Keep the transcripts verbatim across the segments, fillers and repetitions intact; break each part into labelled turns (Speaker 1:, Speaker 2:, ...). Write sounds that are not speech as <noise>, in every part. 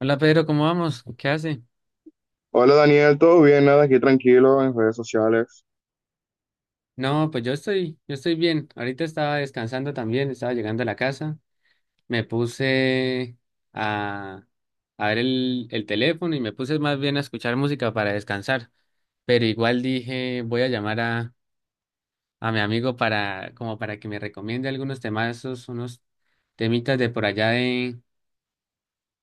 Speaker 1: Hola Pedro, ¿cómo vamos? ¿Qué hace?
Speaker 2: Hola Daniel, ¿todo bien? Nada, aquí tranquilo en redes sociales.
Speaker 1: No, pues yo estoy, yo estoy bien. Ahorita estaba descansando también, estaba llegando a la casa. Me puse a, a ver el, el teléfono y me puse más bien a escuchar música para descansar. Pero igual dije, voy a llamar a, a mi amigo para, como para que me recomiende algunos temazos, unos temitas de por allá de,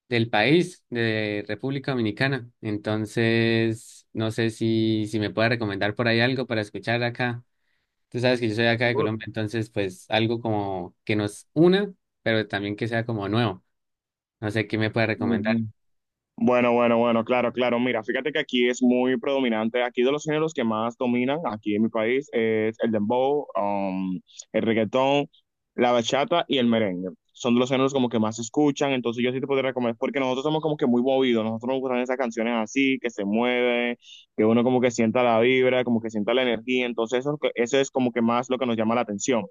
Speaker 1: del país, de República Dominicana. Entonces, no sé si, si me puede recomendar por ahí algo para escuchar acá. Tú sabes que yo soy acá de Colombia, entonces pues algo como que nos una, pero también que sea como nuevo. No sé qué me puede recomendar.
Speaker 2: Ujú. Bueno, bueno, bueno, claro, claro. Mira, fíjate que aquí es muy predominante. Aquí de los géneros que más dominan aquí en mi país es el dembow, um, el reggaetón, la bachata y el merengue. Son de los géneros como que más se escuchan. Entonces yo sí te podría recomendar, porque nosotros somos como que muy movidos. Nosotros nos gustan esas canciones así, que se mueven, que uno como que sienta la vibra, como que sienta la energía. Entonces eso, eso es como que más lo que nos llama la atención.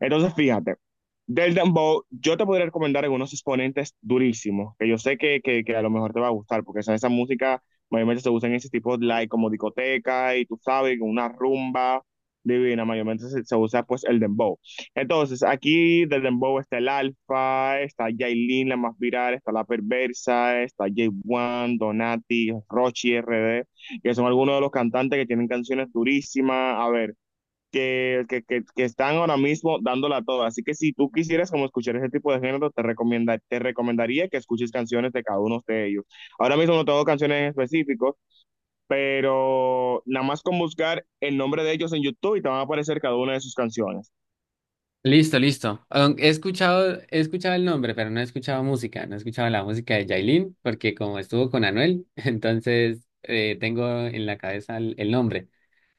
Speaker 2: Entonces, fíjate, del dembow, yo te podría recomendar algunos exponentes durísimos, que yo sé que, que, que a lo mejor te va a gustar, porque esa, esa música mayormente se usa en ese tipo de like, como discoteca, y tú sabes, con una rumba divina, mayormente se, se usa pues el dembow. Entonces, aquí del dembow está el Alfa, está Yailin, la más viral, está La Perversa, está J uno, Donati, Rochi, R D, que son algunos de los cantantes que tienen canciones durísimas. A ver que, que, que, que están ahora mismo dándola toda. Así que si tú quisieras como escuchar ese tipo de género, te recomienda, te recomendaría que escuches canciones de cada uno de ellos. Ahora mismo no tengo canciones en específico, pero nada más con buscar el nombre de ellos en YouTube y te van a aparecer cada una de sus canciones.
Speaker 1: Listo, listo. Aun- He escuchado, he escuchado el nombre, pero no he escuchado música. No he escuchado la música de Yailin, porque como estuvo con Anuel, <laughs> entonces eh, tengo en la cabeza el, el nombre.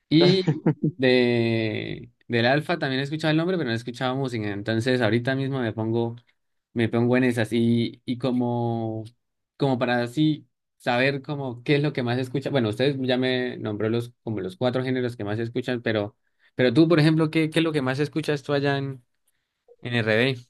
Speaker 1: Y de, del Alfa también he escuchado el nombre, pero no he escuchado música. Entonces ahorita mismo me pongo, me pongo en esas. Y, y como, como para así saber como qué es lo que más escucha. Bueno, ustedes ya me nombró los, como los cuatro géneros que más escuchan, pero, pero tú, por ejemplo, ¿qué, ¿qué es lo que más escuchas tú allá en, en R D?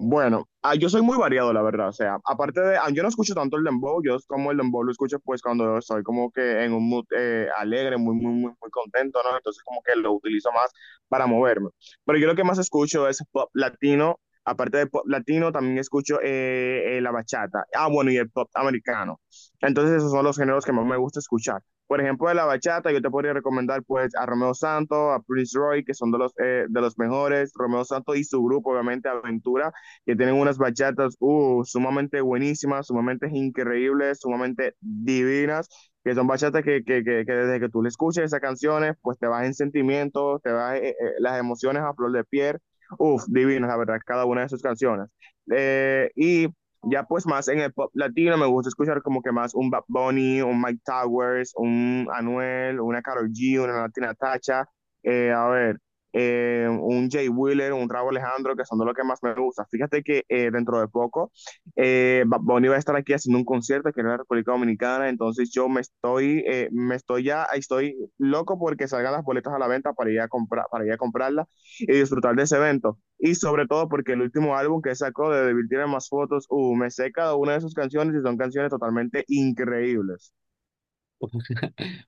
Speaker 2: Bueno, ah, yo soy muy variado, la verdad. O sea, aparte de, ah, yo no escucho tanto el dembow, yo como el dembow lo escucho pues cuando estoy como que en un mood eh, alegre, muy, muy, muy, muy contento, ¿no? Entonces como que lo utilizo más para moverme. Pero yo lo que más escucho es pop latino. Aparte de pop latino, también escucho eh, eh, la bachata. Ah, bueno, y el pop americano. Entonces esos son los géneros que más me gusta escuchar. Por ejemplo, de la bachata, yo te podría recomendar pues a Romeo Santos, a Prince Roy, que son de los, eh, de los mejores. Romeo Santos y su grupo, obviamente, Aventura, que tienen unas bachatas uh, sumamente buenísimas, sumamente increíbles, sumamente divinas, que son bachatas que, que, que, que, desde que tú le escuches esas canciones, pues te vas en sentimientos, te vas eh, eh, las emociones a flor de piel. Uf, divinas, la verdad, cada una de sus canciones. Eh, y ya pues más en el pop latino me gusta escuchar como que más un Bad Bunny, un Mike Towers, un Anuel, una Karol G, una Latina Tacha. Eh, a ver, eh, un Jay Wheeler, un Raúl Alejandro, que son de los que más me gusta. Fíjate que eh, dentro de poco eh, Bonnie va a estar aquí haciendo un concierto aquí en la República Dominicana, entonces yo me estoy, eh, me estoy ya, estoy loco porque salgan las boletas a la venta para ir a comprar, para ir a comprarla y disfrutar de ese evento. Y sobre todo porque el último álbum que sacó de Devil tiene más fotos, uh, me sé cada una de sus canciones y son canciones totalmente increíbles.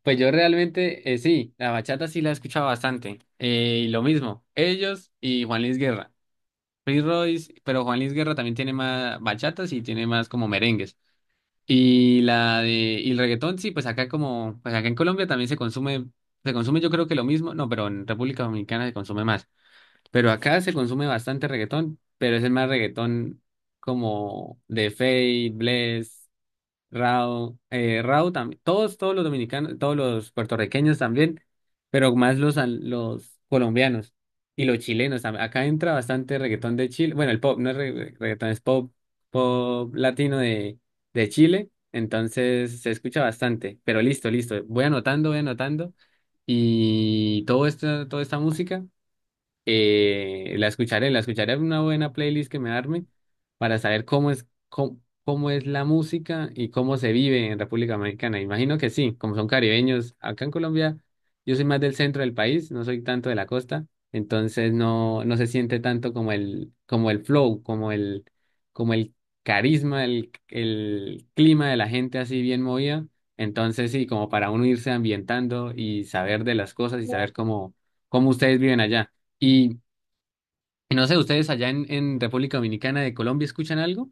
Speaker 1: Pues yo realmente, eh, sí, la bachata sí la he escuchado bastante. Eh, y lo mismo, ellos y Juan Luis Guerra. Prince Royce, pero Juan Luis Guerra también tiene más bachatas y tiene más como merengues. Y la de y el reggaetón, sí, pues acá como, pues acá en Colombia también se consume, se consume yo creo que lo mismo, no, pero en República Dominicana se consume más. Pero acá se consume bastante reggaetón, pero es el más reggaetón como de Fate, Bless, Rao, eh, Rao también, todos, todos los dominicanos, todos los puertorriqueños también, pero más los, an- los colombianos y los chilenos también. Acá entra bastante reggaetón de Chile, bueno, el pop, no es re- reggaetón, es pop, pop latino de, de Chile, entonces se escucha bastante, pero listo, listo, voy anotando, voy anotando y todo esto, toda esta música. Eh, la escucharé, la escucharé en una buena playlist que me arme para saber cómo es, cómo, cómo es la música y cómo se vive en República Dominicana. Imagino que sí, como son caribeños, acá en Colombia yo soy más del centro del país, no soy tanto de la costa, entonces no, no se siente tanto como el, como el flow, como el, como el carisma, el, el clima de la gente así bien movida. Entonces sí, como para uno irse ambientando y saber de las cosas y saber cómo, cómo ustedes viven allá. Y, y no sé, ¿ustedes allá en, en República Dominicana de Colombia escuchan algo?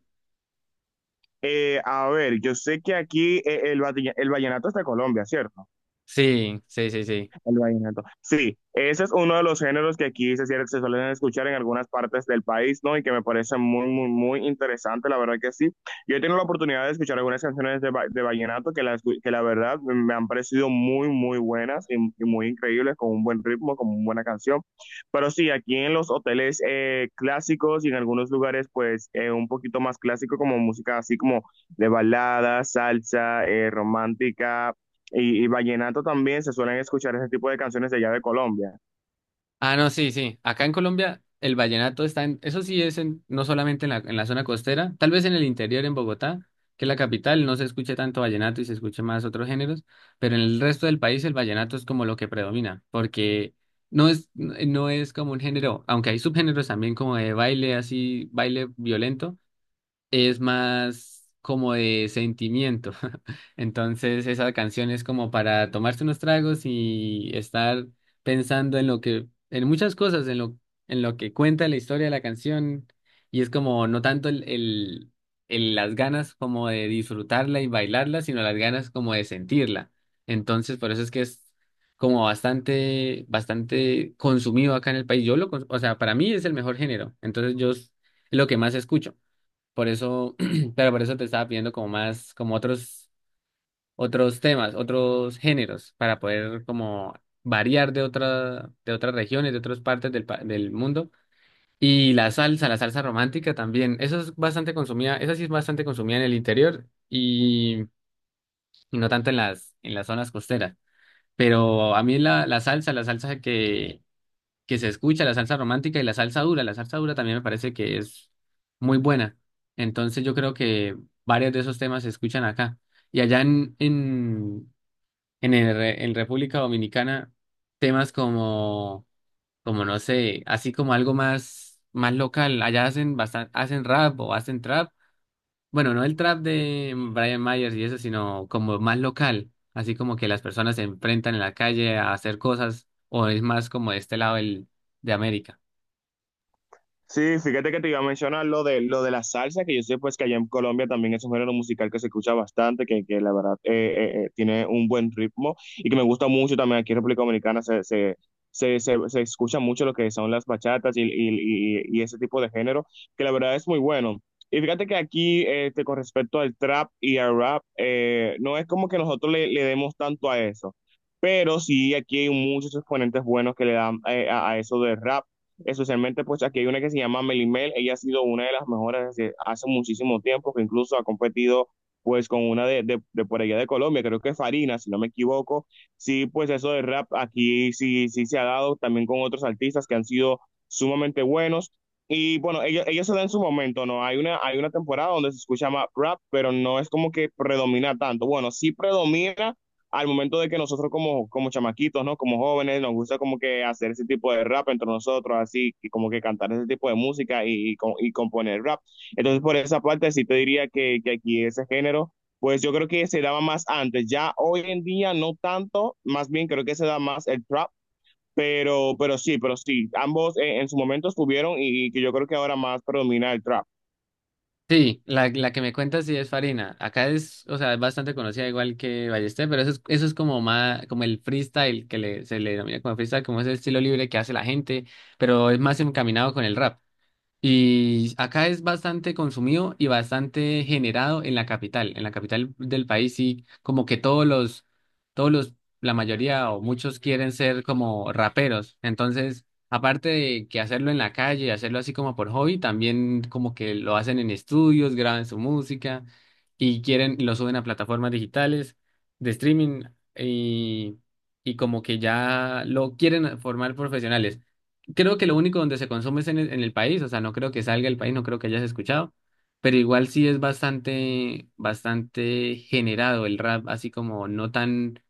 Speaker 2: Eh, a ver, yo sé que aquí eh, el, el vallenato es de Colombia, ¿cierto?
Speaker 1: Sí, sí, sí, sí.
Speaker 2: El vallenato. Sí, ese es uno de los géneros que aquí se, cier- se suelen escuchar en algunas partes del país, ¿no? Y que me parece muy, muy, muy interesante, la verdad que sí. Yo he tenido la oportunidad de escuchar algunas canciones de, va- de vallenato que la, que la verdad me han parecido muy, muy buenas y, y muy increíbles, con un buen ritmo, con una buena canción. Pero sí, aquí en los hoteles eh, clásicos y en algunos lugares, pues, eh, un poquito más clásico, como música así como de balada, salsa, eh, romántica y, y vallenato también se suelen escuchar ese tipo de canciones de allá de Colombia.
Speaker 1: Ah, no, sí, sí. Acá en Colombia el vallenato está en, eso sí es en, no solamente en la, en la zona costera, tal vez en el interior, en Bogotá, que es la capital, no se escucha tanto vallenato y se escucha más otros géneros, pero en el resto del país el vallenato es como lo que predomina, porque no es, no no es como un género, aunque hay subgéneros también como de baile así, baile violento, es más como de sentimiento. <laughs> Entonces, esa canción es como para tomarse unos tragos y estar pensando en lo que, en muchas cosas, en lo, en lo que cuenta la historia de la canción. Y es como no tanto el, el, el- las ganas como de disfrutarla y bailarla, sino las ganas como de sentirla. Entonces, por eso es que es como bastante, bastante consumido acá en el país. Yo lo, cons- o sea, para mí es el mejor género. Entonces, yo es lo que más escucho. Por eso, <clears throat> pero por eso te estaba pidiendo como más, como otros, otros temas, otros géneros, para poder como variar de otra, de otras regiones, de otras partes del, pa- del mundo. Y la salsa, la salsa romántica también. Eso es bastante consumida, esa sí es bastante consumida en el interior y, y no tanto en las, en las zonas costeras. Pero a mí la, la salsa, la salsa que que se escucha, la salsa romántica y la salsa dura. La salsa dura también me parece que es muy buena. Entonces yo creo que varios de esos temas se escuchan acá. Y allá en, en, en, el re- en República Dominicana, temas como, como no sé, así como algo más, más local. Allá hacen bastan- hacen rap o hacen trap. Bueno, no el trap de Brian Myers y eso, sino como más local. Así como que las personas se enfrentan en la calle a hacer cosas, o es más como de este lado del, de América.
Speaker 2: Sí, fíjate que te iba a mencionar lo de, lo de la salsa, que yo sé pues que allá en Colombia también es un género musical que se escucha bastante, que, que la verdad eh, eh, eh, tiene un buen ritmo y que me gusta mucho también aquí en República Dominicana se, se, se, se, se escucha mucho lo que son las bachatas y, y, y- y ese tipo de género, que la verdad es muy bueno. Y fíjate que aquí, este, con respecto al trap y al rap, eh, no es como que nosotros le, le demos tanto a eso. Pero sí, aquí hay muchos exponentes buenos que le dan eh, a, a eso del rap. Especialmente, pues aquí hay una que se llama Melimel. Ella ha sido una de las mejores desde hace muchísimo tiempo, que incluso ha competido pues con una de, de, de por allá de Colombia, creo que es Farina, si no me equivoco. Sí, pues eso de rap aquí sí, sí se ha dado también con otros artistas que han sido sumamente buenos. Y bueno, ellos, ellos se dan en su momento, ¿no? Hay una, hay una temporada donde se escucha más rap, pero no es como que predomina tanto. Bueno, sí predomina, al momento de que nosotros como, como chamaquitos, ¿no? Como jóvenes, nos gusta como que hacer ese tipo de rap entre nosotros, así, y como que cantar ese tipo de música y, y, y componer rap. Entonces, por esa parte, sí te diría que, que aquí ese género, pues yo creo que se daba más antes. Ya hoy en día no tanto, más bien creo que se da más el trap, pero, pero sí, pero sí, ambos en, en su momento estuvieron y, y que yo creo que ahora más predomina el trap.
Speaker 1: Sí, la, la que me cuentas sí es Farina. Acá es, o sea, es bastante conocida igual que Ballester, pero eso es, eso es como más, como el freestyle que le, se le denomina como freestyle, como ese estilo libre que hace la gente, pero es más encaminado con el rap. Y acá es bastante consumido y bastante generado en la capital. En la capital del país sí, como que todos los, todos los, la mayoría o muchos quieren ser como raperos. Entonces, aparte de que hacerlo en la calle, hacerlo así como por hobby, también como que lo hacen en estudios, graban su música y quieren, lo suben a plataformas digitales de streaming y, y como que ya lo quieren formar profesionales, creo que lo único donde se consume es en el, en el país, o sea, no creo que salga del país, no creo que hayas escuchado, pero igual sí es bastante, bastante generado el rap, así como no tan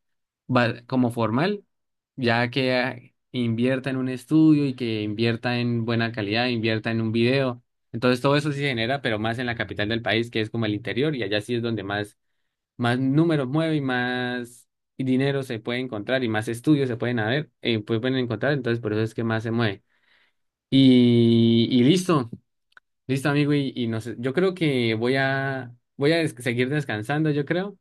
Speaker 1: va- como formal, ya que ah, invierta en un estudio y que invierta en buena calidad, invierta en un video. Entonces todo eso sí se genera, pero más en la capital del país, que es como el interior, y allá sí es donde más, más números mueve y más dinero se puede encontrar y más estudios se pueden haber, eh, pueden encontrar, entonces por eso es que más se mueve. Y, y listo, listo amigo, y, y no sé, yo creo que voy a, voy a des- seguir descansando, yo creo,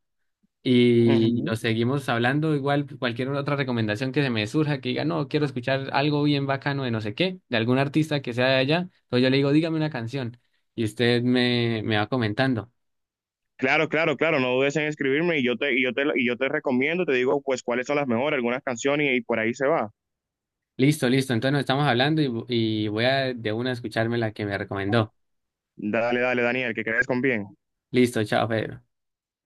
Speaker 1: y, y
Speaker 2: Ujú.
Speaker 1: nos seguimos hablando, igual cualquier otra recomendación que se me surja, que diga, no, quiero escuchar algo bien bacano de no sé qué, de algún artista que sea de allá, entonces yo le digo, dígame una canción, y usted me, me va comentando,
Speaker 2: Claro, claro, claro, no dudes en escribirme y yo te, y yo te, y yo te recomiendo, te digo pues cuáles son las mejores, algunas canciones y, y por ahí se va.
Speaker 1: listo, listo, entonces nos estamos hablando y, y voy a de una escucharme la que me recomendó,
Speaker 2: Dale, dale, Daniel, que crees con bien.
Speaker 1: listo, chao Pedro.